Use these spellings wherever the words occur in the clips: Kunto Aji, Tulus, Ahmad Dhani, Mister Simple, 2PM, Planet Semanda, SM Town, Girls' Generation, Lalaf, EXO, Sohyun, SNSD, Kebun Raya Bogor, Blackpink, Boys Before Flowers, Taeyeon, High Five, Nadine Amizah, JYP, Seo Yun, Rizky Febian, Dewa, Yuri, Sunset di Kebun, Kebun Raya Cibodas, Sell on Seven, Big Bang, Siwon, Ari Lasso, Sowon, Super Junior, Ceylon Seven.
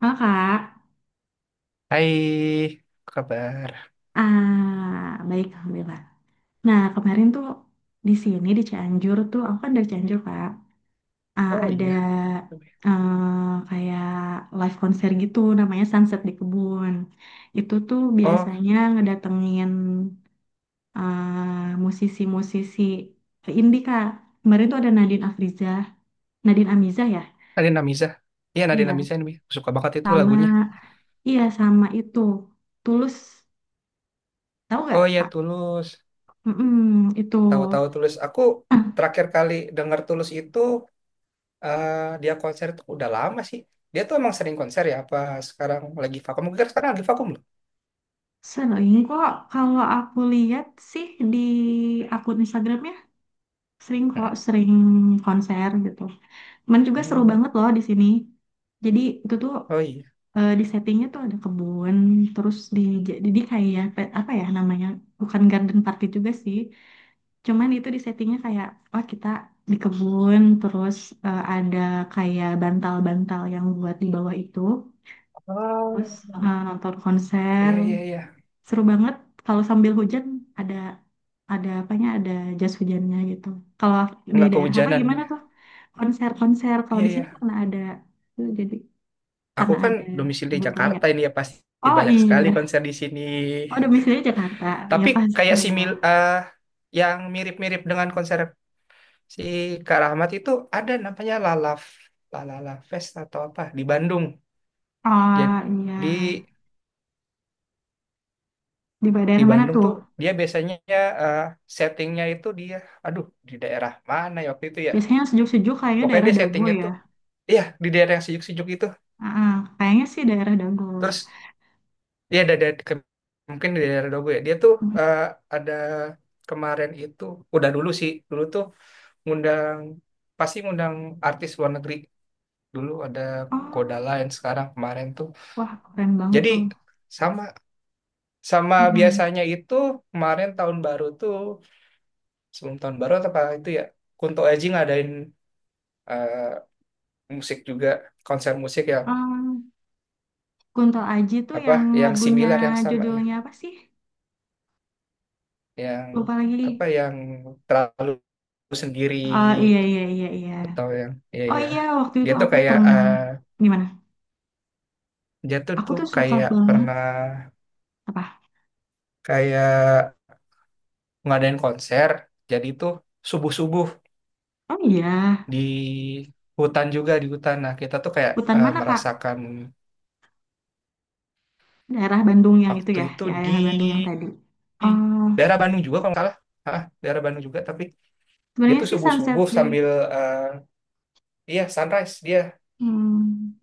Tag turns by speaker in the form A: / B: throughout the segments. A: Halo Kak,
B: Hai, apa kabar?
A: baik Alhamdulillah. Nah kemarin tuh di sini di Cianjur tuh, aku kan dari Cianjur Kak, Ah,
B: Oh
A: ada
B: iya.
A: kayak live konser gitu namanya Sunset di Kebun. Itu tuh
B: Oh,
A: biasanya ngedatengin musisi-musisi indie Kak. Kemarin tuh ada Nadine Afrizah, Nadine Amizah ya?
B: Nadine Amizah. Iya, Nadine
A: Iya,
B: Amizah ini. Aku suka banget itu
A: sama
B: lagunya.
A: iya sama itu Tulus, tahu nggak
B: Oh iya,
A: Kak?
B: Tulus.
A: Mm-mm, itu.
B: Tahu-tahu Tulus. Aku terakhir kali denger Tulus itu, eh, dia konser itu udah lama sih. Dia tuh emang sering konser ya? Apa sekarang lagi vakum? Mungkin sekarang lagi vakum loh.
A: Sering kok, kalau aku lihat sih di akun Instagramnya, sering kok,
B: Heeh.
A: sering konser gitu. Cuman juga seru
B: Hmm.
A: banget loh di sini. Jadi itu tuh
B: Oh iya.
A: di settingnya tuh ada kebun, terus di jadi kayak apa ya namanya, bukan garden party juga sih. Cuman itu di settingnya kayak, oh kita di kebun, terus ada kayak bantal-bantal yang buat di bawah itu,
B: Oh,
A: terus nonton konser.
B: iya, iya, iya.
A: Seru banget kalau sambil hujan ada ada apanya ada jas hujannya gitu kalau di
B: Nggak
A: daerah kakak
B: kehujanan
A: gimana
B: ya.
A: tuh konser-konser kalau
B: Iya,
A: di sini
B: iya.
A: karena ada tuh jadi
B: Aku
A: karena
B: kan
A: ada
B: domisili
A: kebun raya.
B: Jakarta ini ya pasti
A: Oh
B: banyak sekali
A: iya,
B: konser di sini.
A: oh domisili Jakarta ya
B: Tapi
A: pasti
B: kayak si mil
A: lah.
B: yang mirip-mirip dengan konser si Kak Rahmat itu ada namanya Lalaf, Lalala Fest atau apa di Bandung.
A: Oh iya,
B: Jadi
A: di
B: di
A: daerah mana
B: Bandung
A: tuh
B: tuh dia biasanya, eh, settingnya itu dia, aduh di daerah mana ya waktu itu ya.
A: biasanya yang sejuk-sejuk kayaknya
B: Pokoknya
A: daerah
B: dia
A: Dago
B: settingnya
A: ya.
B: tuh, iya di daerah yang sejuk-sejuk itu.
A: Ah, ah, kayaknya sih daerah Dago.
B: Terus dia ada ke- mungkin di daerah Dogo ya. Dia tuh,
A: Mm,
B: eh, ada kemarin itu, udah dulu sih, dulu tuh ngundang, pasti ngundang artis luar negeri dulu ada Koda
A: oh
B: lain sekarang kemarin tuh
A: wah keren banget
B: jadi,
A: tuh.
B: sama sama
A: Mm-mm.
B: biasanya itu kemarin tahun baru tuh sebelum tahun baru atau apa itu ya Kunto Aji ngadain, eh, musik juga, konser musik yang
A: Oh. Kunto Aji tuh
B: apa,
A: yang
B: yang
A: lagunya
B: similar yang sama ya,
A: judulnya apa sih?
B: yang
A: Lupa
B: apa,
A: lagi.
B: yang terlalu sendiri,
A: Oh iya iya iya iya.
B: atau yang ya
A: Oh
B: ya
A: iya waktu
B: dia
A: itu
B: tuh
A: aku
B: kayak
A: pernah gimana?
B: dia tuh
A: Aku
B: tuh
A: tuh suka
B: kayak
A: banget
B: pernah
A: apa?
B: kayak ngadain konser jadi tuh subuh-subuh
A: Oh iya,
B: di hutan juga, di hutan. Nah, kita tuh kayak
A: hutan mana Kak?
B: merasakan
A: Daerah Bandung yang itu
B: waktu
A: ya,
B: itu
A: ya
B: di
A: daerah Bandung yang tadi. Oh,
B: daerah Bandung juga kalau nggak salah. Hah, daerah Bandung juga tapi dia
A: sebenarnya
B: tuh
A: sih sunset
B: subuh-subuh
A: di
B: sambil eh, iya sunrise dia,
A: hmm,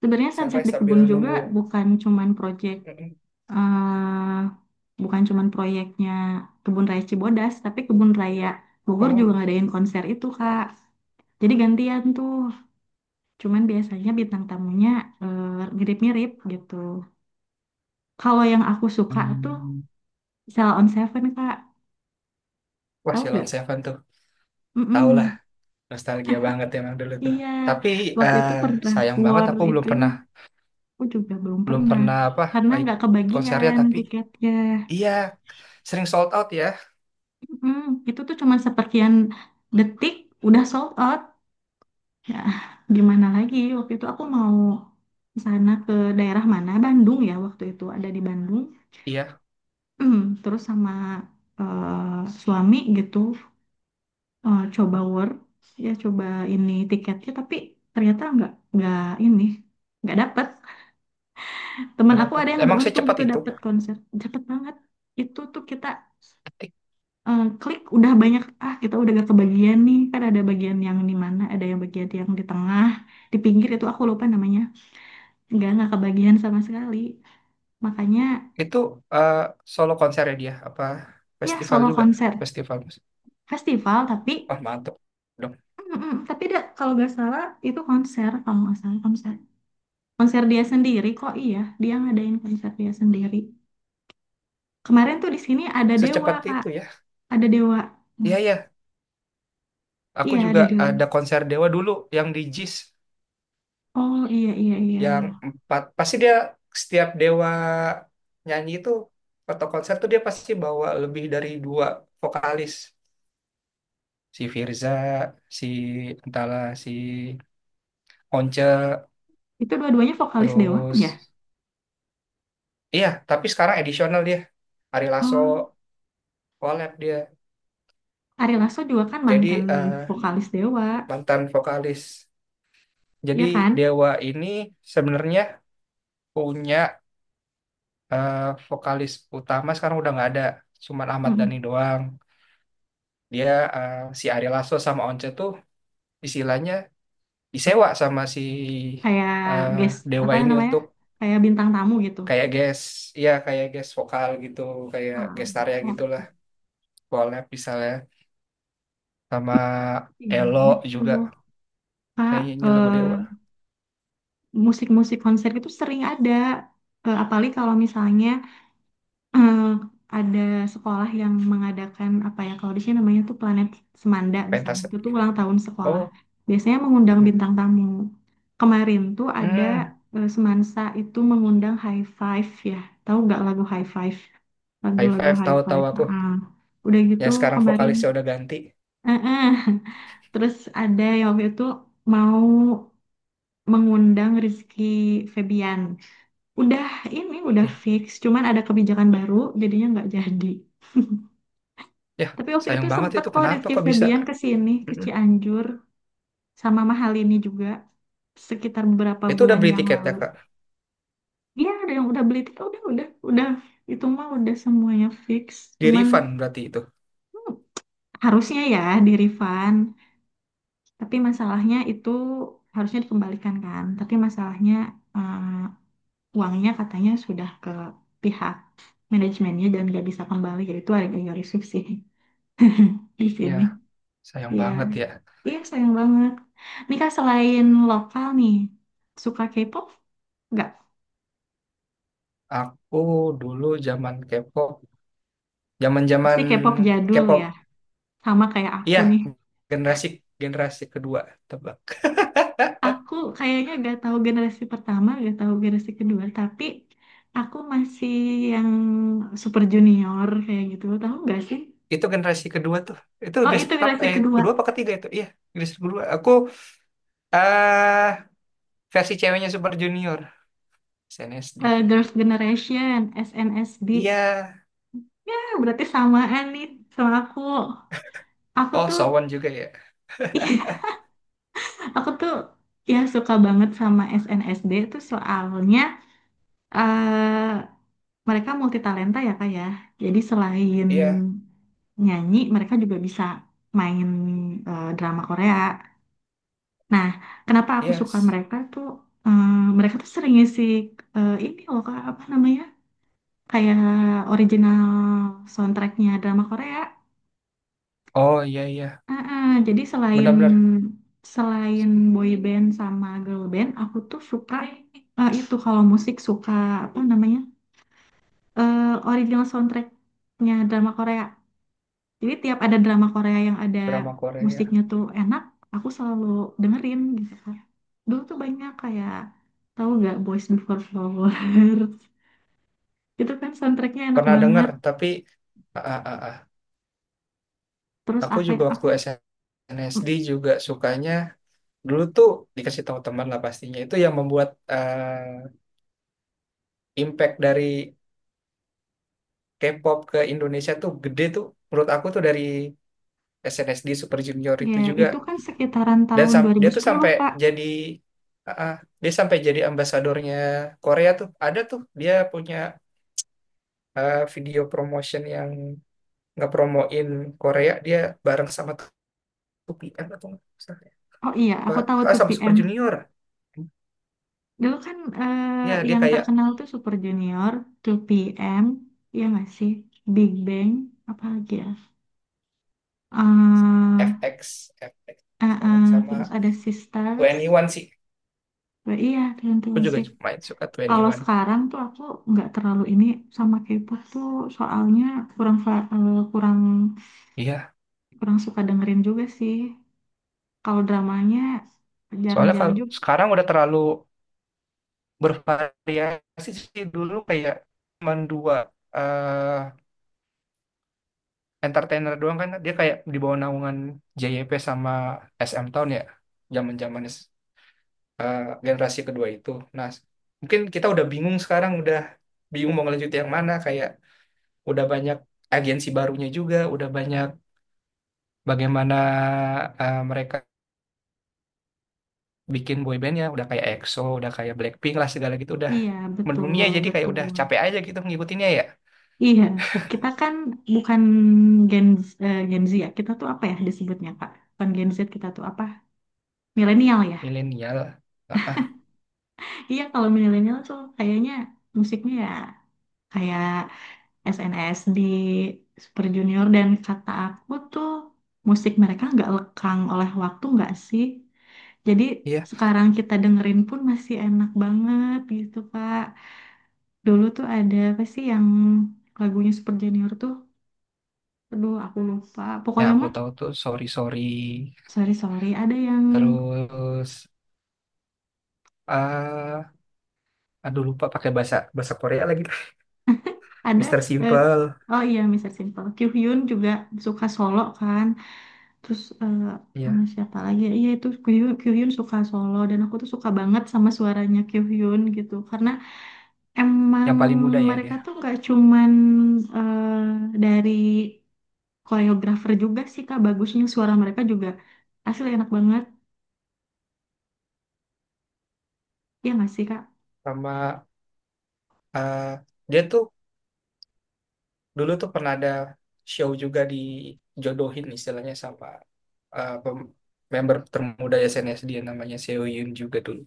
A: sebenarnya sunset
B: sunrise
A: di
B: sambil
A: kebun juga
B: nunggu.
A: bukan cuman project
B: Mm-mm.
A: eh bukan cuman proyeknya Kebun Raya Cibodas, tapi Kebun Raya Bogor
B: Oh.
A: juga ngadain konser itu Kak. Jadi gantian tuh, cuman biasanya bintang tamunya eh, mirip-mirip gitu. Kalau yang aku suka tuh
B: Hmm.
A: Sell on Seven Kak,
B: Wah,
A: tahu
B: Ceylon
A: gak?
B: Seven tuh. Tau lah,
A: Mm-mm.
B: nostalgia banget emang dulu tuh.
A: Iya,
B: Tapi
A: waktu
B: eh,
A: itu pernah
B: sayang banget
A: war
B: aku belum
A: itunya,
B: pernah,
A: aku juga belum
B: belum
A: pernah
B: pernah apa,
A: karena nggak
B: ikut konsernya
A: kebagian
B: tapi
A: tiketnya.
B: iya sering sold out ya.
A: Mm, itu tuh cuma seperkian detik udah sold out. Ya, gimana lagi? Waktu itu aku mau sana ke daerah mana? Bandung ya waktu itu ada di Bandung.
B: Iya,
A: Mm, terus sama suami gitu coba work ya coba ini tiketnya tapi ternyata nggak ini nggak dapet teman
B: nggak
A: aku
B: dapat.
A: ada yang
B: Emang
A: beruntung
B: secepat
A: gitu
B: itu?
A: dapet konser dapet banget itu tuh kita klik udah banyak ah kita udah gak kebagian nih kan ada bagian yang di mana ada yang bagian yang di tengah di pinggir itu aku lupa namanya nggak kebagian sama sekali makanya
B: Itu eh, solo konsernya dia apa
A: ya
B: festival
A: solo
B: juga?
A: konser
B: Festival musik.
A: festival tapi
B: Wah, mantap dong.
A: Mm-mm. Tapi da, kalau nggak salah itu konser kalau nggak salah konser konser dia sendiri kok iya dia ngadain konser dia sendiri kemarin tuh di sini ada Dewa
B: Secepat
A: Kak
B: itu ya.
A: ada Dewa. Hmm,
B: Iya ya, aku
A: iya
B: juga
A: ada Dewa
B: ada konser Dewa dulu yang di JIS
A: oh iya iya iya
B: yang 4. Pasti dia setiap Dewa nyanyi itu atau konser tuh dia pasti bawa lebih dari 2 vokalis. Si Firza, si entahlah, si Once,
A: itu dua-duanya vokalis Dewa kan
B: terus
A: ya
B: iya, tapi sekarang edisional dia. Ari Lasso
A: oh
B: collab dia.
A: Ari Lasso juga kan
B: Jadi
A: mantan vokalis Dewa
B: mantan vokalis. Jadi
A: ya kan.
B: Dewa ini sebenarnya punya, eh, vokalis utama sekarang udah nggak ada, cuman Ahmad Dhani
A: Mm-mm.
B: doang. Dia si Ari Lasso sama Once tuh istilahnya disewa sama si,
A: Kayak
B: eh,
A: guest
B: Dewa
A: apa
B: ini
A: namanya
B: untuk
A: kayak bintang tamu gitu
B: kayak guest, ya kayak guest vokal gitu, kayak
A: ah,
B: gestarnya
A: oh,
B: gitulah, collab misalnya sama Elo
A: ingat
B: juga
A: tuh Kak
B: nyanyinya lagu Dewa,
A: musik-musik konser itu sering ada. Eh, apalagi kalau misalnya eh, ada sekolah yang mengadakan apa ya, kalau di sini namanya tuh Planet Semanda misalnya.
B: pentas.
A: Itu tuh ulang tahun sekolah.
B: Oh,
A: Biasanya mengundang bintang tamu. Kemarin tuh ada
B: mm,
A: Semansa itu mengundang High Five ya. Tahu nggak lagu High Five?
B: high
A: Lagu-lagu
B: five
A: High
B: tahu-tahu
A: Five.
B: aku.
A: Ah, udah gitu
B: Ya sekarang
A: kemarin.
B: vokalisnya udah ganti.
A: eh, eh. Terus ada yang waktu itu mau mengundang Rizky Febian. Udah ini udah
B: Ya
A: fix, cuman ada kebijakan baru jadinya nggak jadi.
B: ya,
A: Tapi waktu itu
B: sayang banget
A: sempet
B: itu
A: kok
B: kenapa
A: Rizky
B: kok bisa.
A: Febian ke sini, ke
B: Mm-mm.
A: Cianjur sama mahal ini juga sekitar beberapa
B: Itu udah
A: bulan
B: beli
A: yang
B: tiketnya
A: lalu.
B: kak,
A: Iya, ada yang udah beli tiket, udah itu mah udah semuanya fix.
B: di
A: Cuman
B: refund berarti itu.
A: hmm, harusnya ya di refund, tapi masalahnya itu harusnya dikembalikan kan. Tapi masalahnya eh, uangnya katanya sudah ke pihak manajemennya dan nggak bisa kembali, yaitu ada yang risih sih. Di
B: Ya
A: sini,
B: sayang
A: iya,
B: banget ya.
A: iya sayang banget. Nika selain lokal nih, suka K-pop? Nggak,
B: Aku dulu zaman K-pop, zaman
A: pasti
B: zaman
A: K-pop jadul
B: K-pop.
A: ya. Sama kayak aku
B: Iya,
A: nih.
B: generasi, generasi kedua tebak.
A: Aku kayaknya gak tahu generasi pertama, gak tahu generasi kedua, tapi aku masih yang super junior kayak gitu. Tahu nggak sih?
B: Itu generasi kedua tuh, itu
A: Oh,
B: generasi
A: itu
B: pertama
A: generasi
B: eh
A: kedua.
B: kedua apa ketiga itu iya. Generasi kedua aku, eh versi ceweknya Super Junior, SNSD.
A: Eh, Girls' Generation,
B: Iya.
A: SNSD. Eh, berarti samaan nih sama aku. Aku
B: Oh
A: tuh
B: Sowon juga ya.
A: aku tuh ya suka banget sama SNSD tuh soalnya eh mereka multi talenta ya kak ya. Jadi selain
B: Iya.
A: nyanyi, mereka juga bisa main drama Korea. Nah, kenapa aku suka
B: Yes.
A: mereka tuh? eh, Mereka tuh sering ngisi ini loh kak apa namanya kayak original soundtracknya drama Korea.
B: Oh iya iya.
A: Ah, jadi selain
B: Benar-benar
A: selain boy band sama girl band, aku tuh suka itu kalau musik suka apa namanya eh, original soundtracknya drama Korea. Jadi tiap ada drama Korea yang ada
B: drama Korea. Ya.
A: musiknya tuh enak, aku selalu dengerin gitu. Kan. Dulu tuh banyak kayak tahu nggak Boys Before Flowers itu kan soundtracknya enak
B: Pernah dengar,
A: banget.
B: tapi ah, ah, ah. Ah.
A: Terus
B: Aku
A: apa ya?
B: juga
A: Aku
B: waktu SNSD juga sukanya dulu tuh dikasih tahu teman lah pastinya. Itu yang membuat, eh, impact dari K-pop ke Indonesia tuh gede tuh. Menurut aku tuh dari SNSD Super Junior itu
A: ya
B: juga.
A: itu kan sekitaran
B: Dan
A: tahun dua
B: sam- dia
A: ribu
B: tuh
A: sepuluh
B: sampai
A: Kak.
B: jadi, ah, ah. Dia sampai jadi ambasadornya Korea tuh. Ada tuh dia punya, video promotion yang ngepromoin Korea dia bareng sama UPM atau nggak salah ya.
A: Oh iya,
B: Apa,
A: aku tahu
B: ah,
A: tuh
B: sama Super
A: PM.
B: Junior,
A: Dulu kan
B: ya dia
A: yang
B: kayak
A: terkenal tuh Super Junior, 2PM, ya nggak sih? Big Bang, apa lagi ya?
B: FX FX
A: Eh, eh,
B: sekarang
A: eh, terus
B: sama
A: ada Sisters.
B: 21 sih.
A: Wah, iya, tergantung
B: Aku juga
A: musik.
B: main suka
A: Kalau
B: 21.
A: sekarang tuh aku nggak terlalu ini sama K-pop tuh soalnya eh, kurang
B: Iya
A: kurang suka dengerin juga sih. Kalau dramanya
B: soalnya
A: jarang-jarang
B: kalau
A: juga.
B: sekarang udah terlalu bervariasi sih, dulu kayak cuma dua, eh entertainer doang kan dia kayak di bawah naungan JYP sama SM Town ya, zaman-zaman, eh, generasi kedua itu. Nah mungkin kita udah bingung sekarang udah bingung mau ngelanjut yang mana, kayak udah banyak agensi barunya juga, udah banyak bagaimana mereka bikin boybandnya, udah kayak EXO, udah kayak Blackpink lah segala gitu, udah
A: Iya,
B: mendunia
A: betul,
B: jadi kayak
A: betul.
B: udah capek aja gitu ngikutinnya ya,
A: Iya, kita kan bukan Gen, Gen Z ya, kita tuh apa ya disebutnya Kak? Bukan Gen Z, kita tuh apa? Milenial ya?
B: milenial. Ah, ah,
A: Iya, kalau milenial tuh kayaknya musiknya ya kayak SNSD, Super Junior, dan kata aku tuh musik mereka nggak lekang oleh waktu nggak sih? Jadi
B: iya,
A: sekarang kita dengerin pun masih enak banget gitu Kak. Dulu tuh ada apa sih yang lagunya Super Junior tuh? Aduh, aku lupa.
B: ya
A: Pokoknya
B: aku
A: mah
B: tahu tuh sorry sorry,
A: sorry sorry ada yang
B: terus ah aduh lupa pakai bahasa, bahasa Korea lagi.
A: ada
B: Mister
A: eh,
B: Simple.
A: oh iya Mr. Simple Kyuhyun juga suka solo kan terus sama
B: Iya,
A: siapa lagi iya itu Kyuhyun, Kyuhyun suka solo dan aku tuh suka banget sama suaranya Kyuhyun gitu karena emang
B: yang paling muda ya
A: mereka
B: dia.
A: tuh nggak cuman dari koreografer juga sih kak bagusnya suara mereka juga asli enak banget ya nggak sih kak.
B: Sama ah, dia tuh dulu tuh pernah ada show juga dijodohin istilahnya sama, pem- member termuda SNSD dia namanya Seo Yun juga dulu.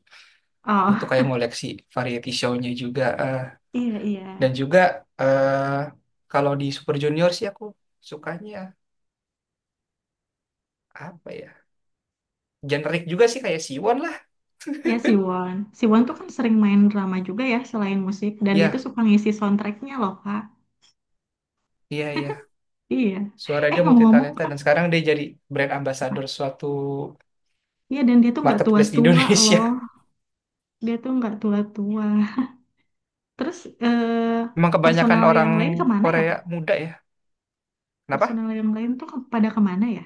B: Itu tuh kayak
A: Oh
B: ngoleksi variety show-nya juga. Eh.
A: iya iya.
B: Dan juga eh kalau di Super Junior sih aku sukanya apa ya? Generik juga sih kayak Siwon lah.
A: Ya Siwon, Siwon tuh kan sering main drama juga ya selain musik. Dan dia tuh
B: Ya,
A: suka ngisi soundtracknya loh kak.
B: iya, iya.
A: Iya.
B: Suara
A: Eh
B: dia multi
A: ngomong-ngomong
B: talenta
A: kak.
B: dan sekarang dia jadi brand
A: Apa?
B: ambassador suatu
A: Iya dan dia tuh nggak
B: marketplace di
A: tua-tua loh.
B: Indonesia.
A: Dia tuh nggak tua-tua. Terus eh,
B: Emang kebanyakan
A: personel
B: orang
A: yang lain kemana ya
B: Korea
A: kak?
B: muda ya. Kenapa?
A: Personel yang lain tuh pada kemana ya?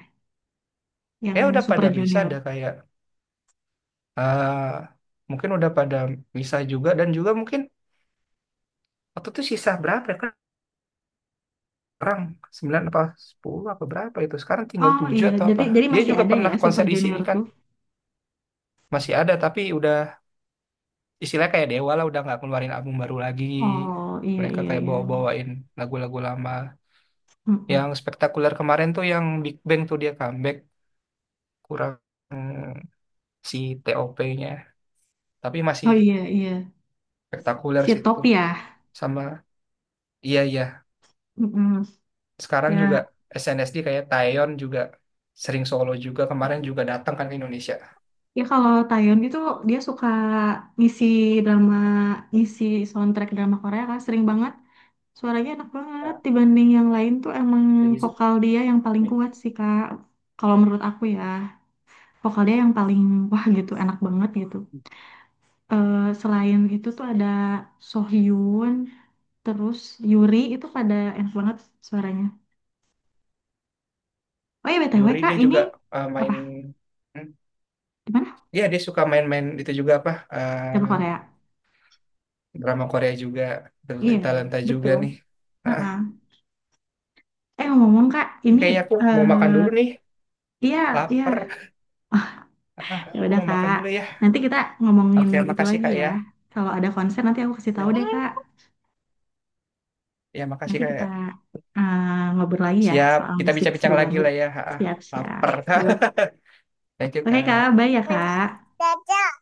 A: Yang
B: Kayak udah
A: Super
B: pada misah,
A: Junior.
B: ada kayak eh mungkin udah pada misah juga dan juga mungkin waktu itu sisa berapa ya kan orang, 9 apa 10 apa berapa itu. Sekarang tinggal
A: Oh
B: 7
A: iya.
B: atau apa.
A: Jadi
B: Dia
A: masih
B: juga
A: ada ya
B: pernah
A: Super
B: konser di sini
A: Junior
B: kan.
A: tuh.
B: Masih ada tapi udah istilahnya kayak Dewa lah udah nggak keluarin album baru lagi.
A: Oh iya
B: Mereka
A: iya
B: kayak
A: iya.
B: bawa-bawain lagu-lagu lama. Yang
A: Mm-mm.
B: spektakuler kemarin tuh yang Big Bang tuh dia comeback kurang mm, si TOP-nya. Tapi masih
A: Oh iya iya.
B: spektakuler
A: Si
B: sih itu.
A: Top ya.
B: Sama iya iya.
A: Mm-mm.
B: Sekarang juga
A: Ya
B: SNSD kayak Taeyeon juga sering solo juga kemarin juga datang kan ke Indonesia.
A: ya kalau Taeyeon itu dia suka ngisi drama, ngisi soundtrack drama Korea kan sering banget. Suaranya enak banget dibanding yang lain tuh emang
B: Lagi Zoom
A: vokal dia yang paling
B: ya?
A: kuat sih Kak. Kalau menurut aku ya, vokal dia yang paling wah gitu, enak banget gitu. Eh selain itu tuh ada Sohyun, terus Yuri itu pada enak banget suaranya. Oh iya BTW
B: Yuri
A: Kak,
B: dia
A: ini
B: juga main,
A: apa?
B: hmm,
A: Di mana?
B: iya dia suka main-main itu juga apa
A: Drama Korea.
B: drama Korea juga,
A: Iya,
B: talenta juga
A: betul.
B: nih. Ah,
A: Heeh. Eh ngomong Kak, ini
B: kayaknya aku mau makan dulu
A: eh,
B: nih,
A: iya, iya.
B: lapar.
A: Oh,
B: Ah,
A: ya
B: aku
A: udah
B: mau makan
A: Kak.
B: dulu ya.
A: Nanti kita ngomongin
B: Oke
A: itu
B: makasih
A: lagi
B: kak
A: ya.
B: ya.
A: Kalau ada konser nanti aku kasih
B: Ya.
A: tahu deh Kak.
B: Ya makasih
A: Nanti
B: kak
A: kita
B: ya.
A: eh, ngobrol lagi ya
B: Siap
A: soal
B: kita
A: musik seru
B: bincang-bincang lagi
A: banget.
B: lah ya. Ah,
A: Siap-siap.
B: lapar.
A: Yuk.
B: Thank you
A: Oke
B: kak.
A: Kak, bye ya Kak.
B: Dadah.